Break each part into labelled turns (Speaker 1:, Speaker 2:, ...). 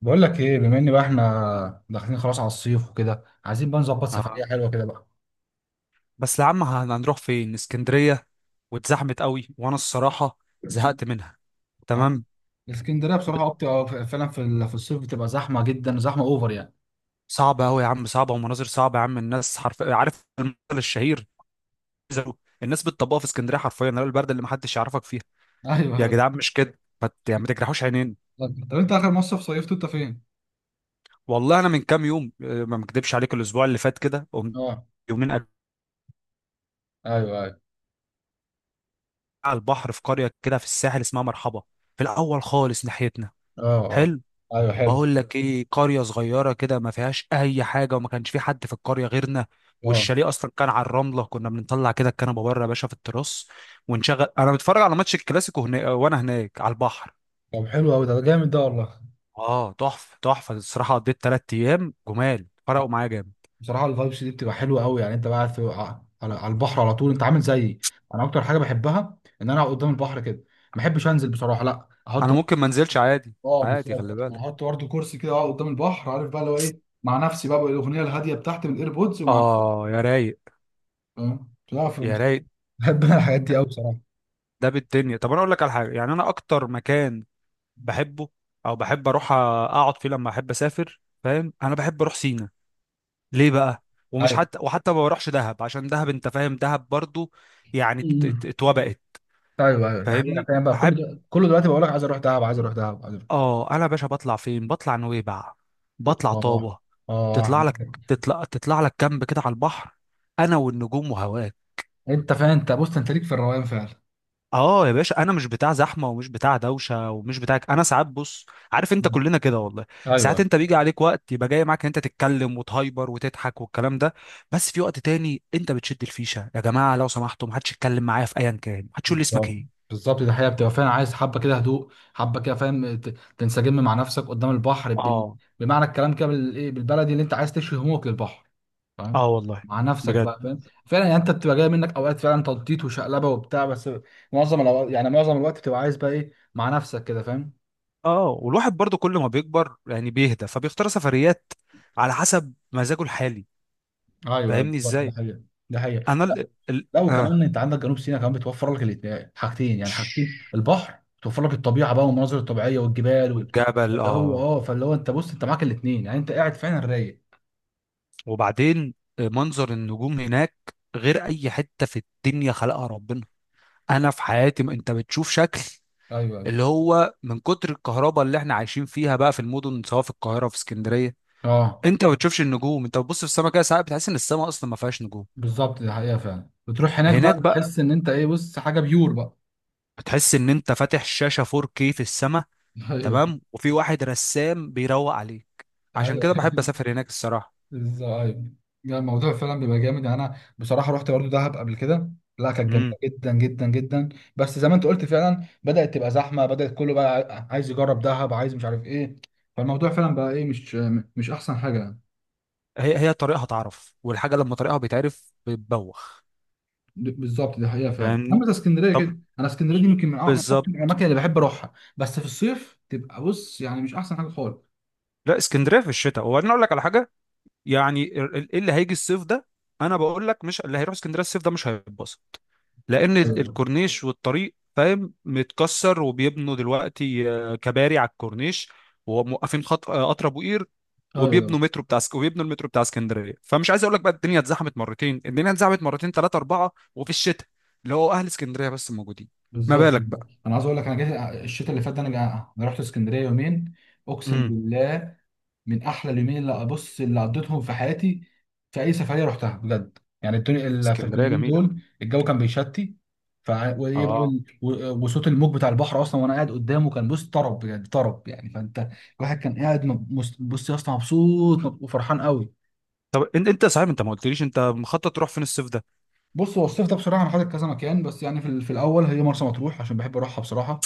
Speaker 1: بقول لك ايه، بما ان بقى احنا داخلين خلاص على الصيف وكده، عايزين بقى نظبط سفريه
Speaker 2: آه.
Speaker 1: حلوه كده بقى.
Speaker 2: بس يا عم هنروح فين؟ اسكندرية واتزحمت قوي، وانا الصراحة زهقت منها.
Speaker 1: آه.
Speaker 2: تمام.
Speaker 1: الاسكندريه بصراحه فعلا في الصيف بتبقى زحمه جدا، زحمه اوفر يعني.
Speaker 2: صعبة قوي يا عم، صعبة، ومناظر صعبة يا عم. الناس حرف، عارف المثل الشهير؟ الناس بتطبقها في اسكندرية حرفيا، اللي هو البرد اللي محدش يعرفك فيها. يا
Speaker 1: ايوه.
Speaker 2: جدعان مش كده، ما ت- يعني ما تجرحوش عينين.
Speaker 1: طب انت اخر مصيف صيفته انت فين؟
Speaker 2: والله انا من كام يوم، ما مكدبش عليك، الاسبوع اللي فات كده قمت
Speaker 1: اه.
Speaker 2: يومين قاعد
Speaker 1: ايوه ايوه.
Speaker 2: على البحر، في قرية كده في الساحل اسمها مرحبا، في الاول خالص ناحيتنا.
Speaker 1: اه اه.
Speaker 2: حلو.
Speaker 1: ايوه حلو.
Speaker 2: بقول لك ايه، قرية صغيرة كده ما فيهاش اي حاجة، وما كانش في حد في القرية غيرنا.
Speaker 1: اه،
Speaker 2: والشاليه اصلا كان على الرملة، كنا بنطلع كده الكنبة بره يا باشا في التراس، ونشغل انا بتفرج على ماتش الكلاسيكو هنا، وانا هناك على البحر.
Speaker 1: طب حلو قوي، ده جامد ده والله.
Speaker 2: اه تحفة تحفة الصراحة، قضيت تلات ايام جمال، فرقوا معايا جامد.
Speaker 1: بصراحه الفايبس دي بتبقى حلوه قوي يعني. انت بقى قاعد في على على البحر على طول؟ انت عامل زيي. انا اكتر حاجه بحبها ان انا اقعد قدام البحر كده. ما بحبش انزل بصراحه، لا، احط.
Speaker 2: انا ممكن ما انزلش عادي،
Speaker 1: اه
Speaker 2: عادي،
Speaker 1: بالظبط.
Speaker 2: خلي بالك.
Speaker 1: احط برضه كرسي كده، اقعد قدام البحر، عارف بقى اللي هو ايه، مع نفسي بقى بالاغنيه الهاديه بتاعتي من الايربودز ومع،
Speaker 2: اه يا رايق،
Speaker 1: فاهم؟
Speaker 2: يا رايق.
Speaker 1: بحب انا الحاجات دي قوي بصراحه.
Speaker 2: ده بالدنيا. طب انا اقول لك على حاجة، يعني انا اكتر مكان بحبه او بحب اروح اقعد فيه لما احب اسافر، فاهم؟ انا بحب اروح سينا. ليه بقى؟ ومش
Speaker 1: ايوه.
Speaker 2: حتى وحتى ما بروحش دهب، عشان دهب انت فاهم، دهب برضو يعني
Speaker 1: أمم.
Speaker 2: اتوبقت.
Speaker 1: ايوه ايوه، ده حقيقة.
Speaker 2: فاهمني؟
Speaker 1: فاهم بقى كل
Speaker 2: احب،
Speaker 1: ده، كل دلوقتي بقول لك عايز اروح دهب، عايز اروح دهب، عايز اروح.
Speaker 2: اه. انا يا باشا بطلع فين؟ بطلع نويبع،
Speaker 1: اه
Speaker 2: بطلع طابة.
Speaker 1: اه آه.
Speaker 2: تطلع لك تطلع لك كامب كده على البحر، انا والنجوم وهواك.
Speaker 1: انت فاهم؟ انت بص، انت ليك في الروقان فعلا.
Speaker 2: اه يا باشا، انا مش بتاع زحمه، ومش بتاع دوشه، ومش بتاع، انا ساعات بص، عارف انت،
Speaker 1: أمم.
Speaker 2: كلنا كده والله. ساعات
Speaker 1: ايوه
Speaker 2: انت بيجي عليك وقت يبقى جاي معاك ان انت تتكلم وتهايبر وتضحك والكلام ده، بس في وقت تاني انت بتشد الفيشه، يا جماعه لو سمحتوا، ما حدش يتكلم معايا في ايا كان، ما حدش يقول لي اسمك
Speaker 1: بالظبط،
Speaker 2: ايه.
Speaker 1: بالظبط، ده حقيقة بتبقى فعلا عايز حبه كده هدوء، حبه كده فاهم، تنسجم مع نفسك قدام البحر
Speaker 2: اه.
Speaker 1: بمعنى الكلام كده، بالايه، بالبلدي، اللي انت عايز تشوي همومك للبحر،
Speaker 2: اه
Speaker 1: فاهم؟
Speaker 2: والله.
Speaker 1: مع نفسك
Speaker 2: بجد.
Speaker 1: بقى، فاهم؟ فعلا يعني انت بتبقى جاي منك اوقات فعلا تنطيط وشقلبه وبتاع، بس معظم الأوقات يعني، معظم الوقت بتبقى عايز بقى ايه، مع نفسك كده، فاهم؟
Speaker 2: اه، والواحد برضو كل ما بيكبر يعني بيهدى، فبيختار سفريات على حسب مزاجه الحالي.
Speaker 1: ايوه أيوة،
Speaker 2: فاهمني
Speaker 1: بالظبط ده
Speaker 2: ازاي؟
Speaker 1: حقيقه، ده حقيقه.
Speaker 2: انا ال... ال...
Speaker 1: لا،
Speaker 2: اه
Speaker 1: وكمان انت عندك جنوب سيناء كمان، بتوفر لك الاتنين حاجتين يعني، حاجتين، البحر بتوفر لك، الطبيعه بقى والمناظر الطبيعيه والجبال
Speaker 2: والجبل
Speaker 1: اللي هو
Speaker 2: اه.
Speaker 1: اه، فاللي هو انت بص، انت معاك الاتنين يعني، انت قاعد فعلا رايق.
Speaker 2: وبعدين منظر النجوم هناك غير اي حته في الدنيا خلقها ربنا. انا في حياتي، ما انت بتشوف شكل
Speaker 1: ايوه ايوه.
Speaker 2: اللي هو، من كتر الكهرباء اللي احنا عايشين فيها بقى في المدن، سواء في القاهره في اسكندريه،
Speaker 1: اه
Speaker 2: انت ما بتشوفش النجوم. انت بتبص في السماء كده ساعات، بتحس ان السماء اصلا ما فيهاش نجوم.
Speaker 1: بالظبط، دي حقيقه فعلا. بتروح هناك بقى
Speaker 2: هناك بقى
Speaker 1: تحس ان انت ايه، بص، حاجه بيور بقى.
Speaker 2: بتحس ان انت فاتح شاشه 4K في السماء،
Speaker 1: ايوه.
Speaker 2: تمام، وفي واحد رسام بيروق عليك. عشان
Speaker 1: ايوه.
Speaker 2: كده بحب اسافر هناك الصراحه.
Speaker 1: ازاي؟ يعني الموضوع فعلا بيبقى جامد. يعني انا بصراحه رحت برضو دهب قبل كده، لا كانت جميله
Speaker 2: امم.
Speaker 1: جدا جدا جدا، بس زي ما انت قلت فعلا بدات تبقى زحمه، بدات كله بقى عايز يجرب دهب، عايز مش عارف ايه، فالموضوع فعلا بقى ايه، مش، مش احسن حاجه يعني.
Speaker 2: هي طريقها تعرف، والحاجه لما طريقها بيتعرف بتبوخ.
Speaker 1: بالظبط دي حقيقه فعلا. اما
Speaker 2: فاهمني؟
Speaker 1: زي اسكندريه كده، انا اسكندريه دي يمكن من من اكتر
Speaker 2: بالظبط.
Speaker 1: الاماكن اللي بحب اروحها، بس في الصيف تبقى بص يعني مش احسن حاجه خالص.
Speaker 2: لا، اسكندريه في الشتاء. وبعدين اقول لك على حاجه، يعني إيه اللي هيجي الصيف ده، انا بقول لك، مش اللي هيروح اسكندريه الصيف ده مش هيتبسط، لان
Speaker 1: ايوه
Speaker 2: الكورنيش والطريق فاهم متكسر، وبيبنوا دلوقتي كباري على الكورنيش، وموقفين خط قطر ابو قير،
Speaker 1: ايوه.
Speaker 2: وبيبنوا مترو بتاع اسك- وبيبنوا المترو بتاع اسكندريه. فمش عايز اقول لك بقى، الدنيا اتزحمت مرتين، الدنيا اتزحمت مرتين، ثلاثه، اربعه. وفي الشتاء اللي هو، اهل اسكندريه بس موجودين. ما
Speaker 1: بالظبط،
Speaker 2: بالك
Speaker 1: بالظبط.
Speaker 2: بقى؟
Speaker 1: انا عايز اقول لك، انا جيت الشتاء اللي فات ده، انا انا رحت اسكندريه يومين، اقسم
Speaker 2: امم.
Speaker 1: بالله من احلى اليومين اللي ابص، اللي قضيتهم في حياتي في اي سفريه رحتها بجد. يعني الدنيا اللي في، في
Speaker 2: اسكندريه
Speaker 1: اليومين
Speaker 2: جميله،
Speaker 1: دول الجو كان بيشتي، ف وإيه بقى
Speaker 2: اه.
Speaker 1: ال- و- وصوت الموج بتاع البحر اصلا وانا قاعد قدامه كان بص طرب بجد، طرب يعني. فانت الواحد كان قاعد بص يا اسطى مبسوط، وفرحان قوي.
Speaker 2: طب انت صحيح انت ما قلتليش، انت مخطط تروح فين الصيف ده؟
Speaker 1: بص، هو الصيف ده بصراحه انا حاطط كذا مكان، بس يعني في، في الاول هي مرسى مطروح عشان بحب اروحها بصراحه.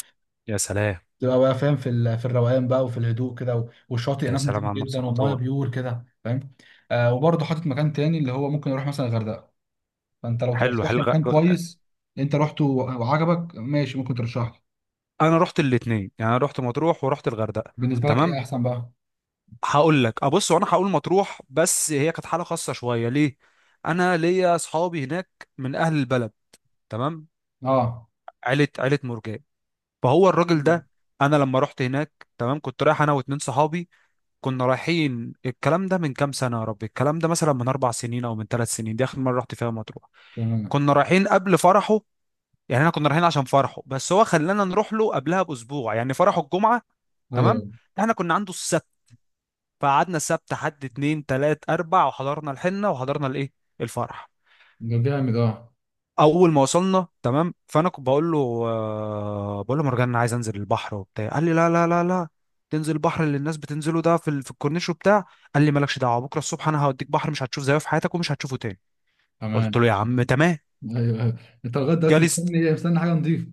Speaker 2: يا سلام،
Speaker 1: تبقى بقى فاهم في في الروقان بقى، وفي الهدوء كده، والشاطئ
Speaker 2: يا
Speaker 1: هناك نضيف
Speaker 2: سلام على مرسى
Speaker 1: جدا، والميه
Speaker 2: مطروح.
Speaker 1: بيور كده فاهم. آه، وبرضه حاطط مكان تاني اللي هو ممكن اروح مثلا الغردقه. فانت لو
Speaker 2: حلو،
Speaker 1: ترشح
Speaker 2: حلو،
Speaker 1: لي مكان كويس انت رحته وعجبك، ماشي، ممكن ترشح لي.
Speaker 2: انا رحت الاثنين، يعني انا رحت مطروح ورحت الغردقه.
Speaker 1: بالنسبه لك ايه
Speaker 2: تمام.
Speaker 1: احسن بقى؟
Speaker 2: هقول لك، ابص، وانا هقول مطروح بس هي كانت حاله خاصه شويه. ليه؟ انا ليا اصحابي هناك من اهل البلد، تمام،
Speaker 1: اه.
Speaker 2: عيله عيله مرجان. فهو الراجل ده، انا لما رحت هناك تمام، كنت رايح انا واتنين صحابي، كنا رايحين، الكلام ده من كام سنه، يا ربي الكلام ده مثلا من 4 سنين او من 3 سنين، دي اخر مره رحت فيها مطروح.
Speaker 1: تمام.
Speaker 2: كنا رايحين قبل فرحه، يعني احنا كنا رايحين عشان فرحه، بس هو خلانا نروح له قبلها باسبوع، يعني فرحه الجمعه،
Speaker 1: ايوه.
Speaker 2: تمام، احنا كنا عنده السبت، فقعدنا السبت حد اتنين تلات اربع، وحضرنا الحنه وحضرنا الايه، الفرح.
Speaker 1: ده جامد اه.
Speaker 2: اول ما وصلنا تمام، فانا كنت بقول له، بقول له مرجان، انا عايز انزل البحر وبتاع. قال لي لا لا لا لا، تنزل البحر اللي الناس بتنزله ده في في الكورنيش وبتاع؟ قال لي مالكش دعوه، بكره الصبح انا هوديك بحر مش هتشوف زيه في حياتك، ومش هتشوفه تاني. قلت
Speaker 1: تمام.
Speaker 2: له يا عم تمام.
Speaker 1: ايوه أيوة. انت لغايه دلوقتي
Speaker 2: جالس؟
Speaker 1: مستني ايه؟ مستني حاجه نضيفه.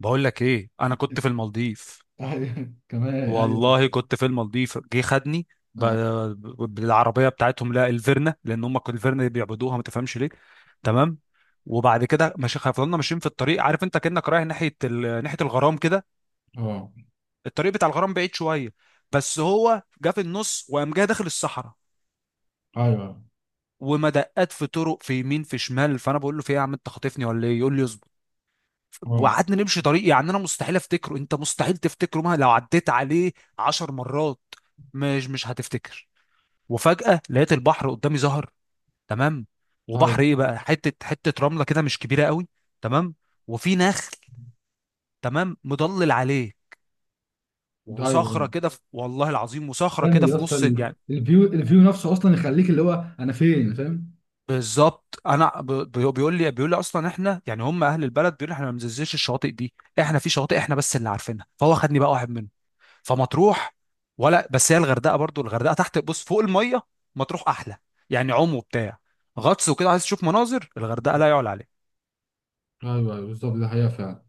Speaker 2: بقول لك ايه، انا كنت في المالديف،
Speaker 1: ايوه كمان ايوه.
Speaker 2: والله كنت في المالديف. جه خدني ب-
Speaker 1: اه
Speaker 2: بالعربيه بتاعتهم، لا الفيرنا، لان هم كانوا الفيرنا اللي بيعبدوها، ما تفهمش ليه، تمام؟ وبعد كده ماشي، فضلنا ماشيين في الطريق، عارف انت كانك رايح ناحيه ناحيه الغرام كده،
Speaker 1: آه.
Speaker 2: الطريق بتاع الغرام بعيد شويه، بس هو جه في النص وقام جه داخل الصحراء،
Speaker 1: ايوه.
Speaker 2: ومدقات في طرق، في يمين، في شمال. فانا بقول له، في ايه يا عم، انت خاطفني ولا ايه؟ يقول لي اصبر.
Speaker 1: اه.
Speaker 2: وقعدنا نمشي طريق، يعني انا مستحيل افتكره، انت مستحيل تفتكره مهما لو عديت عليه 10 مرات، مش هتفتكر. وفجأة لقيت البحر قدامي ظهر، تمام. وبحر
Speaker 1: ايوه
Speaker 2: ايه بقى، حتة حتة رملة كده مش كبيرة قوي، تمام، وفي نخل تمام مضلل عليه، وصخرة
Speaker 1: ايوه.
Speaker 2: كده والله العظيم، وصخرة
Speaker 1: جامد
Speaker 2: كده
Speaker 1: يا
Speaker 2: في
Speaker 1: اسطى.
Speaker 2: نص يعني.
Speaker 1: الفيو، الفيو نفسه اصلا يخليك اللي هو انا فين، فاهم.
Speaker 2: بالظبط. انا بيقول لي اصلا احنا، يعني هم اهل البلد، بيقول لي احنا ما بننزلش الشواطئ دي، احنا في شواطئ احنا بس اللي عارفينها. فهو خدني بقى واحد منهم، فمطروح، ولا بس هي الغردقة برضو؟ الغردقة تحت بص، فوق المية مطروح احلى، يعني، عم وبتاع. غطس وكده عايز تشوف مناظر، الغردقة لا يعلى عليها،
Speaker 1: ايوه ايوه بالظبط ده حقيقه فعلا.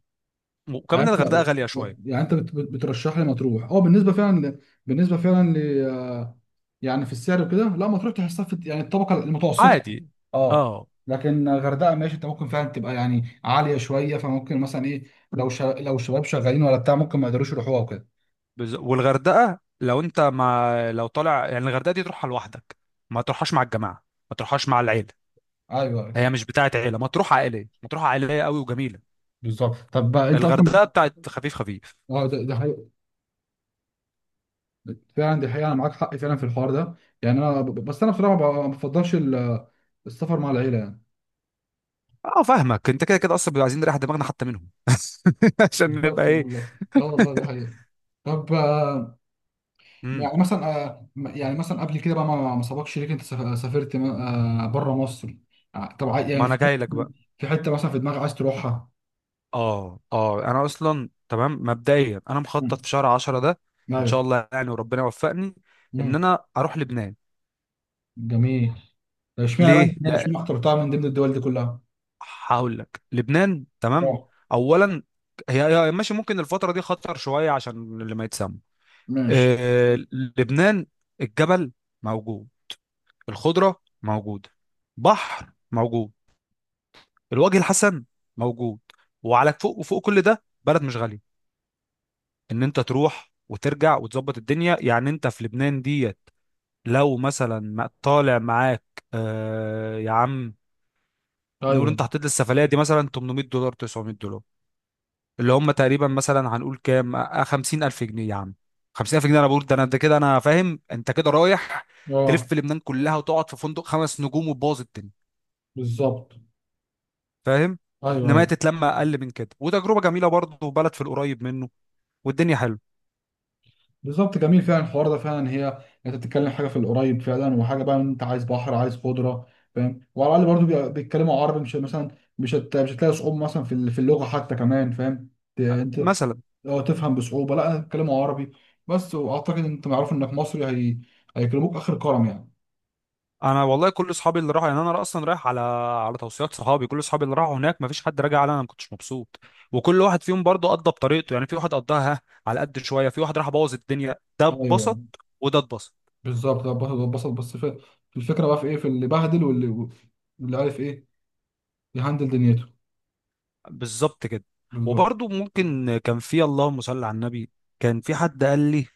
Speaker 2: وكمان
Speaker 1: يعني
Speaker 2: الغردقه
Speaker 1: انت،
Speaker 2: غاليه شويه،
Speaker 1: يعني انت بترشح لي مطروح، اه، بالنسبه فعلا بالنسبه فعلا ل، يعني في السعر وكده؟ لا، مطروح تحسها في يعني الطبقه المتوسطه.
Speaker 2: عادي.
Speaker 1: اه.
Speaker 2: اه
Speaker 1: لكن غردقه ماشي، انت ممكن فعلا تبقى يعني عاليه شويه، فممكن مثلا ايه، لو شباب شغالين ولا بتاع ممكن ما يقدروش يروحوها وكده.
Speaker 2: والغردقه لو انت مع لو طالع يعني، الغردقه دي تروحها لوحدك، ما تروحهاش مع الجماعه، ما تروحهاش مع العيله.
Speaker 1: ايوه أيوة،
Speaker 2: هي مش بتاعه عيله، ما تروح عائليه، ما تروح عائليه قوي وجميله،
Speaker 1: بالظبط. طب بقى انت اصلا
Speaker 2: الغردقه بتاعت خفيف خفيف.
Speaker 1: اه، ده ده حقيقي. فعلا دي حقيقة، أنا معاك حق فعلا في الحوار ده. يعني أنا بس أنا بصراحة ما بفضلش السفر مع العيلة يعني.
Speaker 2: اه فاهمك، انت كده كده اصلا بيبقى عايزين نريح دماغنا حتى منهم، عشان نبقى
Speaker 1: بالظبط،
Speaker 2: ايه.
Speaker 1: والله اه، والله ده حقيقة. طب آه،
Speaker 2: امم.
Speaker 1: يعني مثلا آه، يعني مثلا قبل كده بقى، ما ما سبقش ليك أنت سافرت بره مصر؟ آه، طب
Speaker 2: ما
Speaker 1: يعني
Speaker 2: انا
Speaker 1: في،
Speaker 2: جاي لك بقى.
Speaker 1: في حتة مثلا في دماغك عايز تروحها؟
Speaker 2: اه اه، انا اصلا تمام مبدئيا انا مخطط
Speaker 1: مم.
Speaker 2: في شهر 10 ده، ان شاء
Speaker 1: أيوه.
Speaker 2: الله يعني، وربنا يوفقني ان
Speaker 1: مم.
Speaker 2: انا اروح لبنان.
Speaker 1: جميل. طب اشمعنى بقى،
Speaker 2: ليه؟
Speaker 1: يعني اشمعنى اخترتها من ضمن الدول دي كلها؟
Speaker 2: هقول لك، لبنان، تمام،
Speaker 1: اه.
Speaker 2: اولا ماشي، ممكن الفتره دي خطر شويه، عشان اللي ما يتسمى،
Speaker 1: ماشي.
Speaker 2: لبنان، الجبل موجود، الخضره موجوده، بحر موجود، الوجه الحسن موجود. وعلى فوق وفوق كل ده، بلد مش غاليه، ان انت تروح وترجع وتظبط الدنيا. يعني انت في لبنان ديت، لو مثلا طالع معاك، يا عم، نقول
Speaker 1: ايوه.
Speaker 2: انت حطيت للسفليه دي مثلا $800، $900، اللي هم تقريبا مثلا هنقول كام، 50,000 جنيه يا عم. 50,000 جنيه، انا بقول ده، انا ده كده انا فاهم انت كده رايح،
Speaker 1: اه.
Speaker 2: تلف لبنان كلها، وتقعد في فندق خمس نجوم، وتبوظ الدنيا،
Speaker 1: بالظبط.
Speaker 2: فاهم؟
Speaker 1: ايوه
Speaker 2: انما هي
Speaker 1: أيوه.
Speaker 2: تتلم اقل من كده، وتجربه جميله برضه، وبلد في القريب منه، والدنيا حلوه،
Speaker 1: بالظبط. جميل فعلا الحوار ده. فعلا هي انت بتتكلم حاجه في القريب فعلا، وحاجه بقى انت عايز بحر، عايز خضره فاهم، وعلى الاقل برضو بيتكلموا عربي، مش مثلا مش هتلاقي صعوبه مثلا في في اللغه حتى كمان فاهم. انت
Speaker 2: مثلا.
Speaker 1: لو تفهم بصعوبه، لا، بيتكلموا عربي بس، واعتقد ان انت معروف انك مصري، هيكلموك اخر الكرم يعني.
Speaker 2: انا والله كل اصحابي اللي راحوا، يعني انا اصلا رايح على توصيات صحابي. كل اصحابي اللي راحوا هناك ما فيش حد راجع على انا ما كنتش مبسوط، وكل واحد فيهم برضه قضى بطريقته. يعني في واحد قضاها على قد شويه، في واحد راح بوظ الدنيا، ده
Speaker 1: ايوه.
Speaker 2: اتبسط وده اتبسط،
Speaker 1: بالظبط. لا، بسط بسط، بس في، في الفكره بقى في ايه، في اللي بهدل واللي، واللي عارف ايه، يهندل دنيته.
Speaker 2: بالظبط كده.
Speaker 1: بالظبط.
Speaker 2: وبرضه ممكن كان في، اللهم صل على النبي، كان في حد قال لي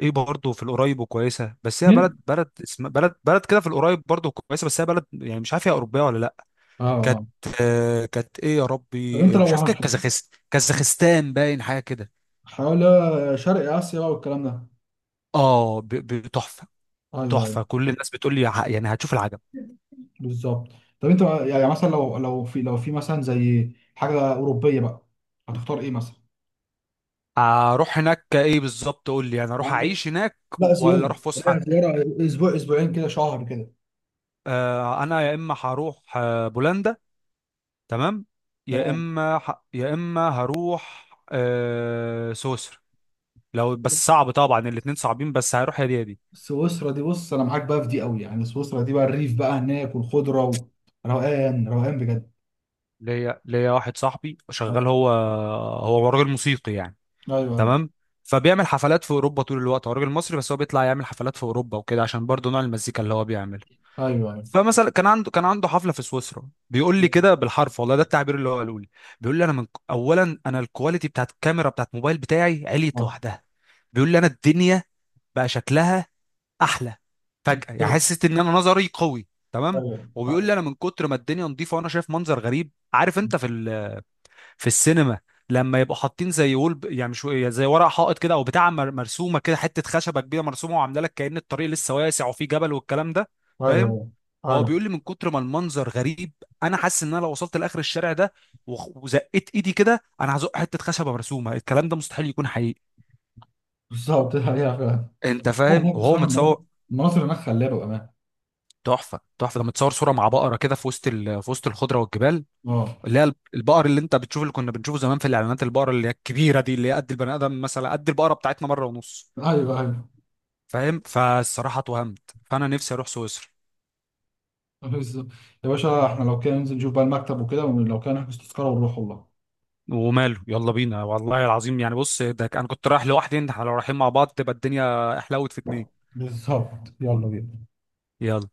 Speaker 2: ايه، برضه في القريب وكويسه، بس هي بلد،
Speaker 1: مين؟
Speaker 2: بلد، اسم بلد، بلد كده في القريب برضه كويسه، بس هي بلد يعني مش عارف هي اوروبيه ولا لا.
Speaker 1: اه
Speaker 2: كانت،
Speaker 1: اه.
Speaker 2: آه كانت ايه يا
Speaker 1: طب
Speaker 2: ربي،
Speaker 1: انت
Speaker 2: مش
Speaker 1: لو
Speaker 2: عارف، كانت
Speaker 1: هنحط،
Speaker 2: كازاخستان، كازاخستان باين حاجه كده.
Speaker 1: حول شرق اسيا بقى والكلام ده.
Speaker 2: اه تحفه
Speaker 1: ايوه
Speaker 2: تحفه.
Speaker 1: ايوه.
Speaker 2: كل الناس بتقول لي يعني هتشوف العجب.
Speaker 1: بالظبط. طب انت بقى، يعني مثلا لو، لو في، لو في مثلا زي حاجه اوروبيه بقى، هتختار ايه مثلا؟
Speaker 2: اروح هناك ايه؟ بالظبط، قول لي انا اروح
Speaker 1: يعني
Speaker 2: اعيش هناك
Speaker 1: لا
Speaker 2: ولا
Speaker 1: زياره،
Speaker 2: اروح
Speaker 1: لا
Speaker 2: فسحه؟
Speaker 1: زياره، اسبوع، اسبوعين كده، شهر كده.
Speaker 2: آه انا يا اما هروح بولندا، تمام، يا
Speaker 1: تمام.
Speaker 2: اما يا اما هروح سويسرا. لو بس
Speaker 1: بص،
Speaker 2: صعب طبعا، الاتنين صعبين، بس هروح يا دي يا دي.
Speaker 1: سويسرا دي بص انا معاك بقى في دي قوي. يعني سويسرا دي بقى الريف بقى هناك والخضره وروقان، روقان بجد.
Speaker 2: ليا واحد صاحبي شغال،
Speaker 1: ايوه
Speaker 2: هو هو راجل موسيقي يعني،
Speaker 1: ايوه.
Speaker 2: تمام، فبيعمل حفلات في اوروبا طول الوقت، هو راجل مصري بس هو بيطلع يعمل حفلات في اوروبا وكده، عشان برضه نوع المزيكا اللي هو بيعملها.
Speaker 1: ايوه
Speaker 2: فمثلا كان عنده حفله في سويسرا، بيقول لي
Speaker 1: ايوه.
Speaker 2: كده بالحرف، والله ده التعبير اللي هو قاله لي، بيقول لي انا من اولا، انا الكواليتي بتاعت الكاميرا بتاعت موبايل بتاعي عليت
Speaker 1: اه،
Speaker 2: لوحدها، بيقول لي انا الدنيا بقى شكلها احلى فجاه، يعني حسيت ان انا نظري قوي، تمام.
Speaker 1: ايوه
Speaker 2: وبيقول
Speaker 1: ايوه.
Speaker 2: لي انا من كتر ما الدنيا نظيفه، وانا شايف منظر غريب، عارف انت في في السينما، لما يبقوا حاطين زي وول يعني مش، زي ورق حائط كده، او بتاع مرسومه كده، حته خشبه كبيره مرسومه، وعامله لك كأن الطريق لسه واسع وفيه جبل والكلام ده، فاهم؟
Speaker 1: ايوه
Speaker 2: هو
Speaker 1: ايوه.
Speaker 2: بيقول لي من كتر ما المنظر غريب، انا حاسس ان انا لو وصلت لاخر الشارع ده وزقيت ايدي كده، انا هزق حته خشبه مرسومه، الكلام ده مستحيل يكون حقيقي.
Speaker 1: بالظبط. أيوه.
Speaker 2: انت فاهم؟
Speaker 1: يعني
Speaker 2: وهو
Speaker 1: بصراحه المناطق،
Speaker 2: متصور.
Speaker 1: المناطق هناك خلابه بامانه.
Speaker 2: تحفه، تحفه، ده متصور صوره مع بقره كده في وسط في وسط الخضره والجبال،
Speaker 1: اه.
Speaker 2: اللي هي البقر اللي انت بتشوف، اللي كنا بنشوفه زمان في الاعلانات، البقره اللي هي الكبيره دي، اللي هي قد البني ادم، مثلا قد البقره بتاعتنا مره ونص،
Speaker 1: ايوه ايوه.
Speaker 2: فاهم؟ فالصراحه اتوهمت، فانا نفسي اروح سويسرا.
Speaker 1: آه، بالظبط. يا باشا احنا لو كان ننزل نشوف بقى المكتب وكده، ولو كان نحجز تذكره ونروح والله.
Speaker 2: وماله، يلا بينا، والله العظيم، يعني بص ده انا كنت رايح لوحدي، انت احنا لو رايحين مع بعض تبقى الدنيا احلوت في اتنين.
Speaker 1: بالظبط، يلا بينا.
Speaker 2: يلا.